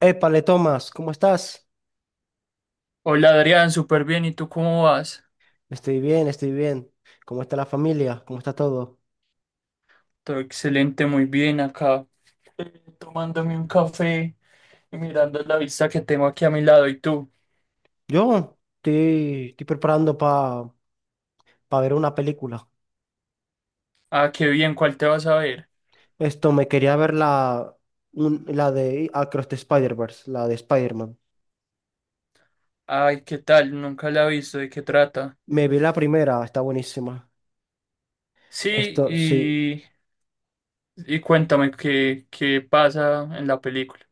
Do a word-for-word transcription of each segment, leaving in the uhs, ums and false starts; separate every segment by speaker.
Speaker 1: Épale, Tomás, ¿cómo estás?
Speaker 2: Hola Adrián, súper bien. ¿Y tú cómo vas?
Speaker 1: Estoy bien, estoy bien. ¿Cómo está la familia? ¿Cómo está todo?
Speaker 2: Todo excelente, muy bien acá. Eh, tomándome un café y mirando la vista que tengo aquí a mi lado. ¿Y tú?
Speaker 1: Yo estoy, estoy preparando para ver una película.
Speaker 2: Ah, qué bien, ¿cuál te vas a ver?
Speaker 1: Esto, me quería ver la, un- la de Across the Spider-Verse, la de Spider-Man.
Speaker 2: Ay, ¿qué tal? Nunca la he visto, ¿de qué trata?
Speaker 1: Me vi la primera, está buenísima.
Speaker 2: Sí,
Speaker 1: Esto, sí.
Speaker 2: y, y cuéntame qué, qué pasa en la película.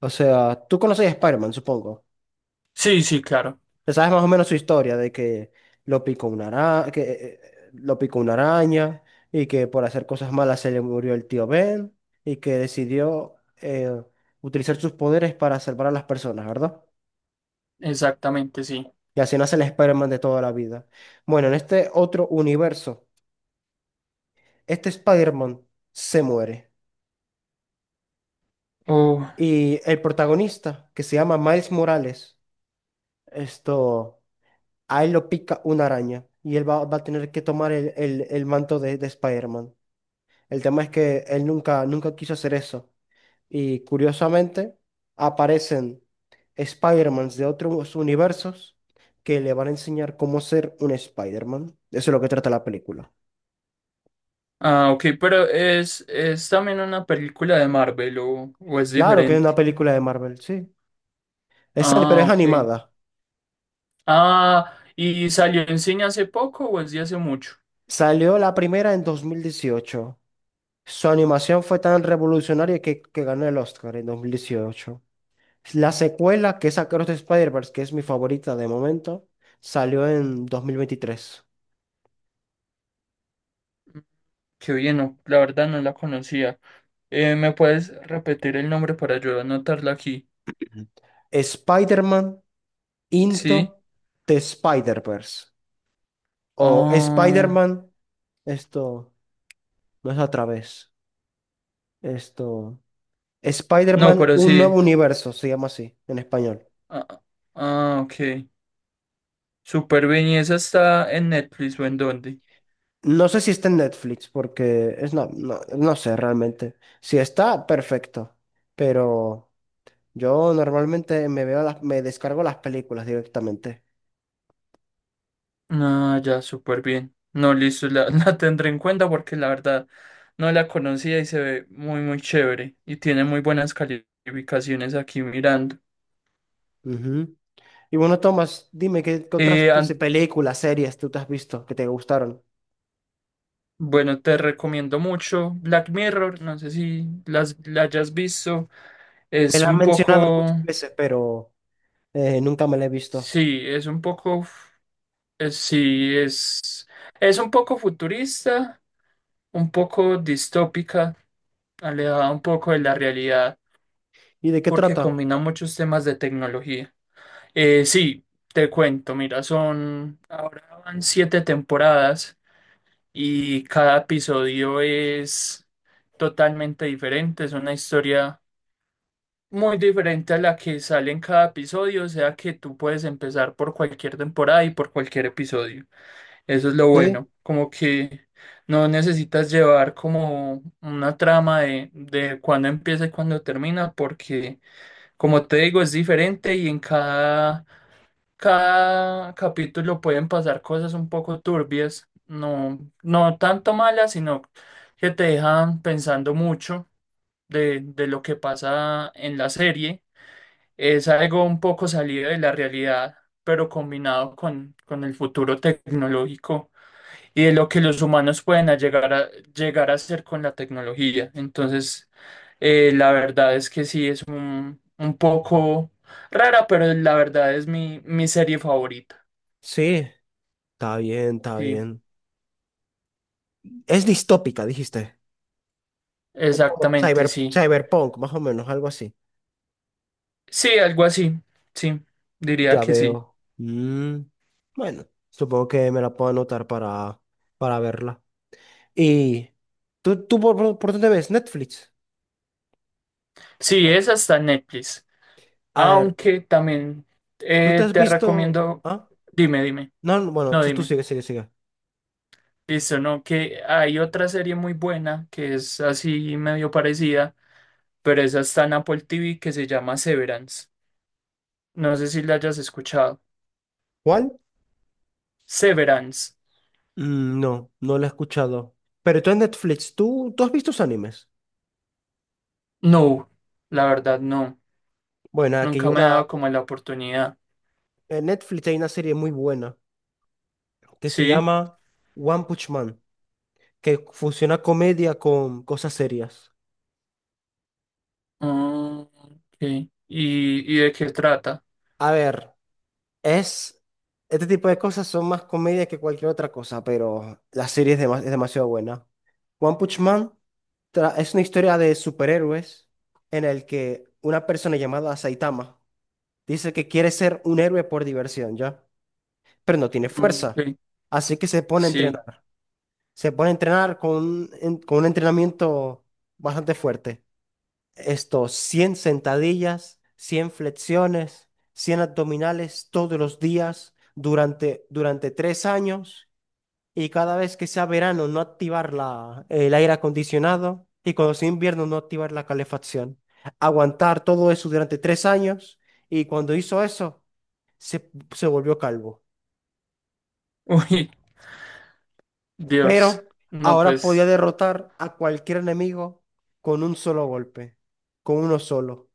Speaker 1: O sea, tú conoces a Spider-Man, supongo.
Speaker 2: Sí, sí, claro,
Speaker 1: Te sabes más o menos su historia de que lo picó una araña, que eh, eh, lo picó una araña y que por hacer cosas malas se le murió el tío Ben y que decidió eh, utilizar sus poderes para salvar a las personas, ¿verdad?
Speaker 2: exactamente, sí.
Speaker 1: Y así nace el Spider-Man de toda la vida. Bueno, en este otro universo, este Spider-Man se muere
Speaker 2: Oh,
Speaker 1: y el protagonista, que se llama Miles Morales, esto, a él lo pica una araña y él va, va a tener que tomar el, el- el manto de, de Spider-Man. El tema es que él nunca, nunca quiso hacer eso. Y curiosamente aparecen Spider-Mans de otros universos que le van a enseñar cómo ser un Spider-Man. Eso es lo que trata la película.
Speaker 2: ah, ok, pero es, es también una película de Marvel o, o es
Speaker 1: Claro que es una
Speaker 2: diferente.
Speaker 1: película de Marvel, sí. Es, ani- pero
Speaker 2: Ah,
Speaker 1: es
Speaker 2: ok.
Speaker 1: animada.
Speaker 2: Ah, ¿y salió en cine hace poco o es de hace mucho?
Speaker 1: Salió la primera en dos mil dieciocho. Su animación fue tan revolucionaria que, que ganó el Oscar en dos mil dieciocho. La secuela, que es Across the Spider-Verse, que es mi favorita de momento, salió en dos mil veintitrés.
Speaker 2: Qué bien, no, la verdad no la conocía. Eh, ¿me puedes repetir el nombre para yo anotarla aquí?
Speaker 1: Spider-Man Into
Speaker 2: Sí.
Speaker 1: the Spider-Verse. O
Speaker 2: Ah,
Speaker 1: Spider-Man, esto no es a través. Esto.
Speaker 2: no,
Speaker 1: Spider-Man,
Speaker 2: pero
Speaker 1: un
Speaker 2: sí.
Speaker 1: nuevo universo, se llama así en español.
Speaker 2: Ah, ah, ok. Súper bien. ¿Y esa está en Netflix o en dónde?
Speaker 1: No sé si está en Netflix, porque es no, no, no sé realmente. Si está, perfecto. Pero yo normalmente me veo las, me descargo las películas directamente.
Speaker 2: Ah, ya, súper bien. No, listo, la, la tendré en cuenta porque la verdad no la conocía y se ve muy, muy chévere y tiene muy buenas calificaciones aquí mirando.
Speaker 1: Ujú. Y bueno, Tomás, dime qué, qué otras
Speaker 2: Eh,
Speaker 1: pues,
Speaker 2: an-
Speaker 1: películas, series tú te has visto que te gustaron.
Speaker 2: Bueno, te recomiendo mucho Black Mirror, no sé si las, la hayas visto.
Speaker 1: Me
Speaker 2: Es
Speaker 1: la han
Speaker 2: un
Speaker 1: mencionado muchas
Speaker 2: poco,
Speaker 1: veces, pero eh, nunca me la he visto.
Speaker 2: sí, es un poco, es- sí, es, es un poco futurista, un poco distópica, alejada un poco de la realidad,
Speaker 1: ¿Y de qué
Speaker 2: porque
Speaker 1: trata?
Speaker 2: combina muchos temas de tecnología. Eh, sí, te cuento, mira, son van siete temporadas. Y cada episodio es totalmente diferente, es una historia muy diferente a la que sale en cada episodio, o sea que tú puedes empezar por cualquier temporada y por cualquier episodio. Eso es lo
Speaker 1: Sí,
Speaker 2: bueno, como que no necesitas llevar como una trama de, de cuándo empieza y cuándo termina, porque como te digo, es diferente y en cada cada capítulo pueden pasar cosas un poco turbias, no, no tanto malas, sino que te dejan pensando mucho de, de lo que pasa en la serie. Es algo un poco salido de la realidad, pero combinado con, con el futuro tecnológico y de lo que los humanos pueden a llegar a, llegar a hacer con la tecnología. Entonces, eh, la verdad es que sí, es un, un poco rara, pero la verdad es mi, mi serie favorita.
Speaker 1: sí, está bien, está
Speaker 2: Sí,
Speaker 1: bien. Es distópica, dijiste. Es como
Speaker 2: exactamente,
Speaker 1: cyber,
Speaker 2: sí.
Speaker 1: cyberpunk, más o menos, algo así.
Speaker 2: Sí, algo así. Sí, diría
Speaker 1: Ya
Speaker 2: que sí.
Speaker 1: veo. Mm, bueno, supongo que me la puedo anotar para, para verla. ¿Y tú, tú por, por- por dónde ves? Netflix.
Speaker 2: Sí, esa está en Netflix.
Speaker 1: A ver,
Speaker 2: Aunque también
Speaker 1: ¿tú te
Speaker 2: eh,
Speaker 1: has
Speaker 2: te
Speaker 1: visto?
Speaker 2: recomiendo.
Speaker 1: ¿Ah?
Speaker 2: Dime, dime.
Speaker 1: No, no, bueno,
Speaker 2: No,
Speaker 1: tú, tú
Speaker 2: dime.
Speaker 1: sigue, sigue, sigue.
Speaker 2: Listo, no, que hay otra serie muy buena que es así medio parecida, pero esa está en Apple T V que se llama Severance. No sé si la hayas escuchado.
Speaker 1: ¿Cuál?
Speaker 2: Severance.
Speaker 1: Mm, No, no la he escuchado. Pero tú en Netflix, ¿tú, tú has visto tus animes?
Speaker 2: No, la verdad no.
Speaker 1: Bueno, aquí hay
Speaker 2: Nunca me he
Speaker 1: una,
Speaker 2: dado como la oportunidad.
Speaker 1: en Netflix hay una serie muy buena que se
Speaker 2: Sí.
Speaker 1: llama One Punch Man, que fusiona comedia con cosas serias.
Speaker 2: Ah, ok. ¿Y, y de qué trata?
Speaker 1: A ver, es, este tipo de cosas son más comedia que cualquier otra cosa, pero la serie es, dema- es demasiado buena. One Punch Man tra- es una historia de superhéroes en el que una persona llamada Saitama dice que quiere ser un héroe por diversión, ¿ya? Pero no tiene
Speaker 2: Ah,
Speaker 1: fuerza.
Speaker 2: ok.
Speaker 1: Así que se pone a
Speaker 2: Sí.
Speaker 1: entrenar. Se pone a entrenar con, un en- con un entrenamiento bastante fuerte. Estos cien sentadillas, cien flexiones, cien abdominales todos los días durante, durante tres años. Y cada vez que sea verano, no activar la, el aire acondicionado. Y cuando sea invierno, no activar la calefacción. Aguantar todo eso durante tres años. Y cuando hizo eso, se, se volvió calvo.
Speaker 2: Uy, Dios.
Speaker 1: Pero
Speaker 2: No,
Speaker 1: ahora podía
Speaker 2: pues,
Speaker 1: derrotar a cualquier enemigo con un solo golpe, con uno solo.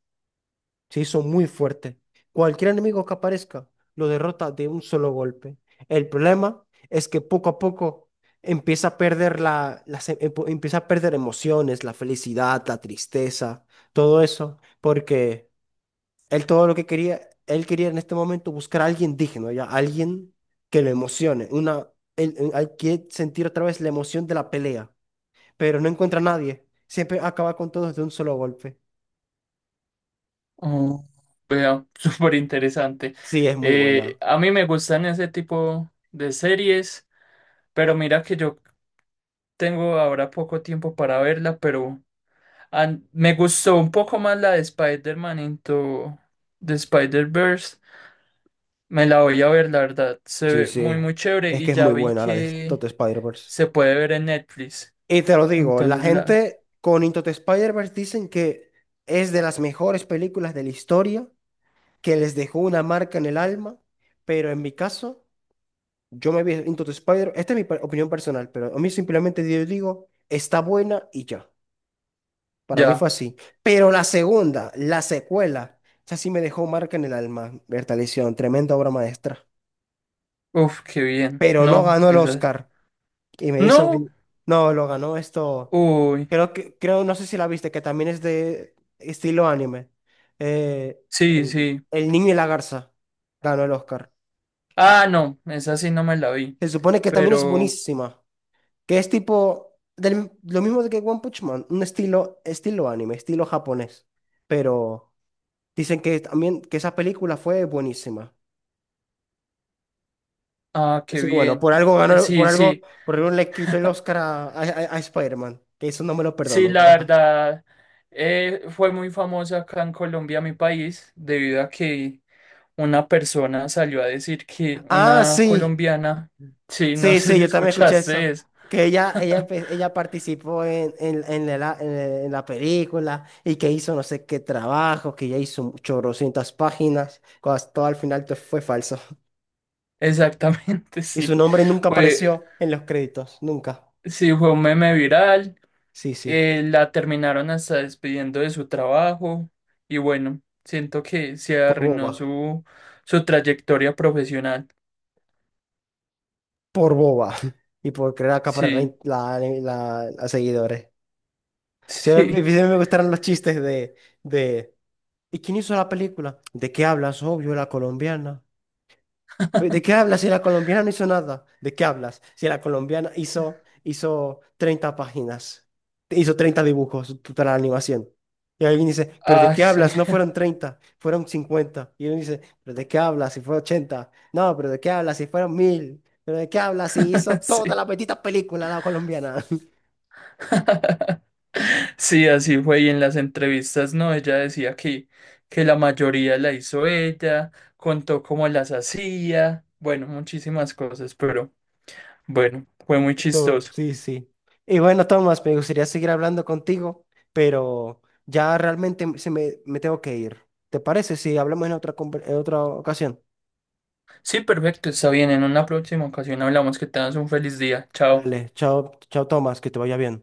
Speaker 1: Se hizo muy fuerte. Cualquier enemigo que aparezca lo derrota de un solo golpe. El problema es que poco a poco empieza a perder la, las em- empo- empieza a perder emociones, la felicidad, la tristeza, todo eso, porque él todo lo que quería, él quería en este momento buscar a alguien digno, ya alguien que lo emocione, una, él, él- él quiere sentir otra vez la emoción de la pelea, pero no encuentra a nadie. Siempre acaba con todos de un solo golpe.
Speaker 2: oh, vea, súper interesante.
Speaker 1: Sí, es muy
Speaker 2: Eh,
Speaker 1: buena.
Speaker 2: a mí me gustan ese tipo de series, pero mira que yo tengo ahora poco tiempo para verla, pero an- me gustó un poco más la de Spider-Man Into the Spider-Verse. Me la voy a ver, la verdad. Se
Speaker 1: Sí,
Speaker 2: ve muy,
Speaker 1: sí.
Speaker 2: muy chévere
Speaker 1: Es
Speaker 2: y
Speaker 1: que es
Speaker 2: ya
Speaker 1: muy
Speaker 2: vi
Speaker 1: buena la de Into
Speaker 2: que
Speaker 1: the Spider-Verse.
Speaker 2: se puede ver en Netflix.
Speaker 1: Y te lo digo, la
Speaker 2: Entonces la,
Speaker 1: gente con Into the Spider-Verse dicen que es de las mejores películas de la historia, que les dejó una marca en el alma, pero en mi caso. Yo me vi Into the Spider, esta es mi per- opinión personal, pero a mí simplemente yo digo, está buena y ya. Para mí
Speaker 2: ya,
Speaker 1: fue así. Pero la segunda, la secuela, esa sí me dejó marca en el alma. Bertalición, tremenda obra maestra.
Speaker 2: uf, qué bien.
Speaker 1: Pero no
Speaker 2: No,
Speaker 1: ganó el
Speaker 2: esa,
Speaker 1: Oscar. Y me hizo
Speaker 2: no,
Speaker 1: ven- no, lo ganó esto.
Speaker 2: uy,
Speaker 1: Creo que, creo, no sé si la viste, que también es de estilo anime. Eh,
Speaker 2: sí,
Speaker 1: el,
Speaker 2: sí.
Speaker 1: el niño y la garza ganó el Oscar.
Speaker 2: Ah, no, esa sí no me la vi,
Speaker 1: Se supone que también es
Speaker 2: pero,
Speaker 1: buenísima. Que es tipo del- lo mismo de que One Punch Man, un estilo, estilo anime, estilo japonés. Pero dicen que también que esa película fue buenísima.
Speaker 2: ah, qué
Speaker 1: Así que bueno,
Speaker 2: bien.
Speaker 1: por algo
Speaker 2: Eh,
Speaker 1: ganó, por
Speaker 2: Sí,
Speaker 1: algo,
Speaker 2: sí,
Speaker 1: por algo le quitó el Oscar a, a, a- a Spider-Man, que eso no me lo
Speaker 2: sí,
Speaker 1: perdono,
Speaker 2: la
Speaker 1: pero ajá.
Speaker 2: verdad, eh, fue muy famosa acá en Colombia, mi país, debido a que una persona salió a decir que
Speaker 1: Ah,
Speaker 2: una
Speaker 1: sí,
Speaker 2: colombiana, sí, no
Speaker 1: sí,
Speaker 2: sé
Speaker 1: sí,
Speaker 2: si
Speaker 1: yo también escuché
Speaker 2: escuchaste
Speaker 1: eso.
Speaker 2: eso.
Speaker 1: Que ella, ella, empe- ella participó en, en, en la, en la en la película y que hizo no sé qué trabajo, que ya hizo chorrocientas páginas, cuando todo al final te fue falso.
Speaker 2: Exactamente,
Speaker 1: Y su
Speaker 2: sí.
Speaker 1: nombre nunca
Speaker 2: Fue,
Speaker 1: apareció en los créditos, nunca.
Speaker 2: sí, fue un meme viral.
Speaker 1: Sí, sí,
Speaker 2: Eh, la terminaron hasta despidiendo de su trabajo y bueno, siento que se
Speaker 1: por
Speaker 2: arruinó
Speaker 1: boba,
Speaker 2: su, su trayectoria profesional.
Speaker 1: por boba. Y por querer acaparar la, in-
Speaker 2: Sí,
Speaker 1: la, la- a seguidores. Siempre,
Speaker 2: sí,
Speaker 1: siempre me gustaron los chistes de, de... ¿Y quién hizo la película? ¿De qué hablas? Obvio, la colombiana. Pero ¿de qué hablas si la colombiana no hizo nada? ¿De qué hablas si la colombiana hizo, hizo treinta páginas? Hizo treinta dibujos t- para la animación. Y alguien dice, ¿pero de
Speaker 2: ah,
Speaker 1: qué
Speaker 2: sí,
Speaker 1: hablas? No fueron treinta, fueron cincuenta. Y uno dice, ¿pero de qué hablas si fue ochenta? No, ¿pero de qué hablas si fueron mil? ¿Pero de qué hablas si hizo toda
Speaker 2: sí.
Speaker 1: la petita película la colombiana?
Speaker 2: Sí, así fue. Y en las entrevistas, no, ella decía que, que la mayoría la hizo ella, contó cómo las hacía, bueno, muchísimas cosas, pero bueno, fue muy
Speaker 1: Tú-
Speaker 2: chistoso.
Speaker 1: sí, sí. Y bueno, Tomás, me gustaría seguir hablando contigo, pero ya realmente se me, me tengo que ir. ¿Te parece si hablamos en otra, conver- en otra ocasión?
Speaker 2: Sí, perfecto, está bien. En una próxima ocasión hablamos. Que tengas un feliz día. Chao.
Speaker 1: Dale, chao, chao, Tomás, que te vaya bien.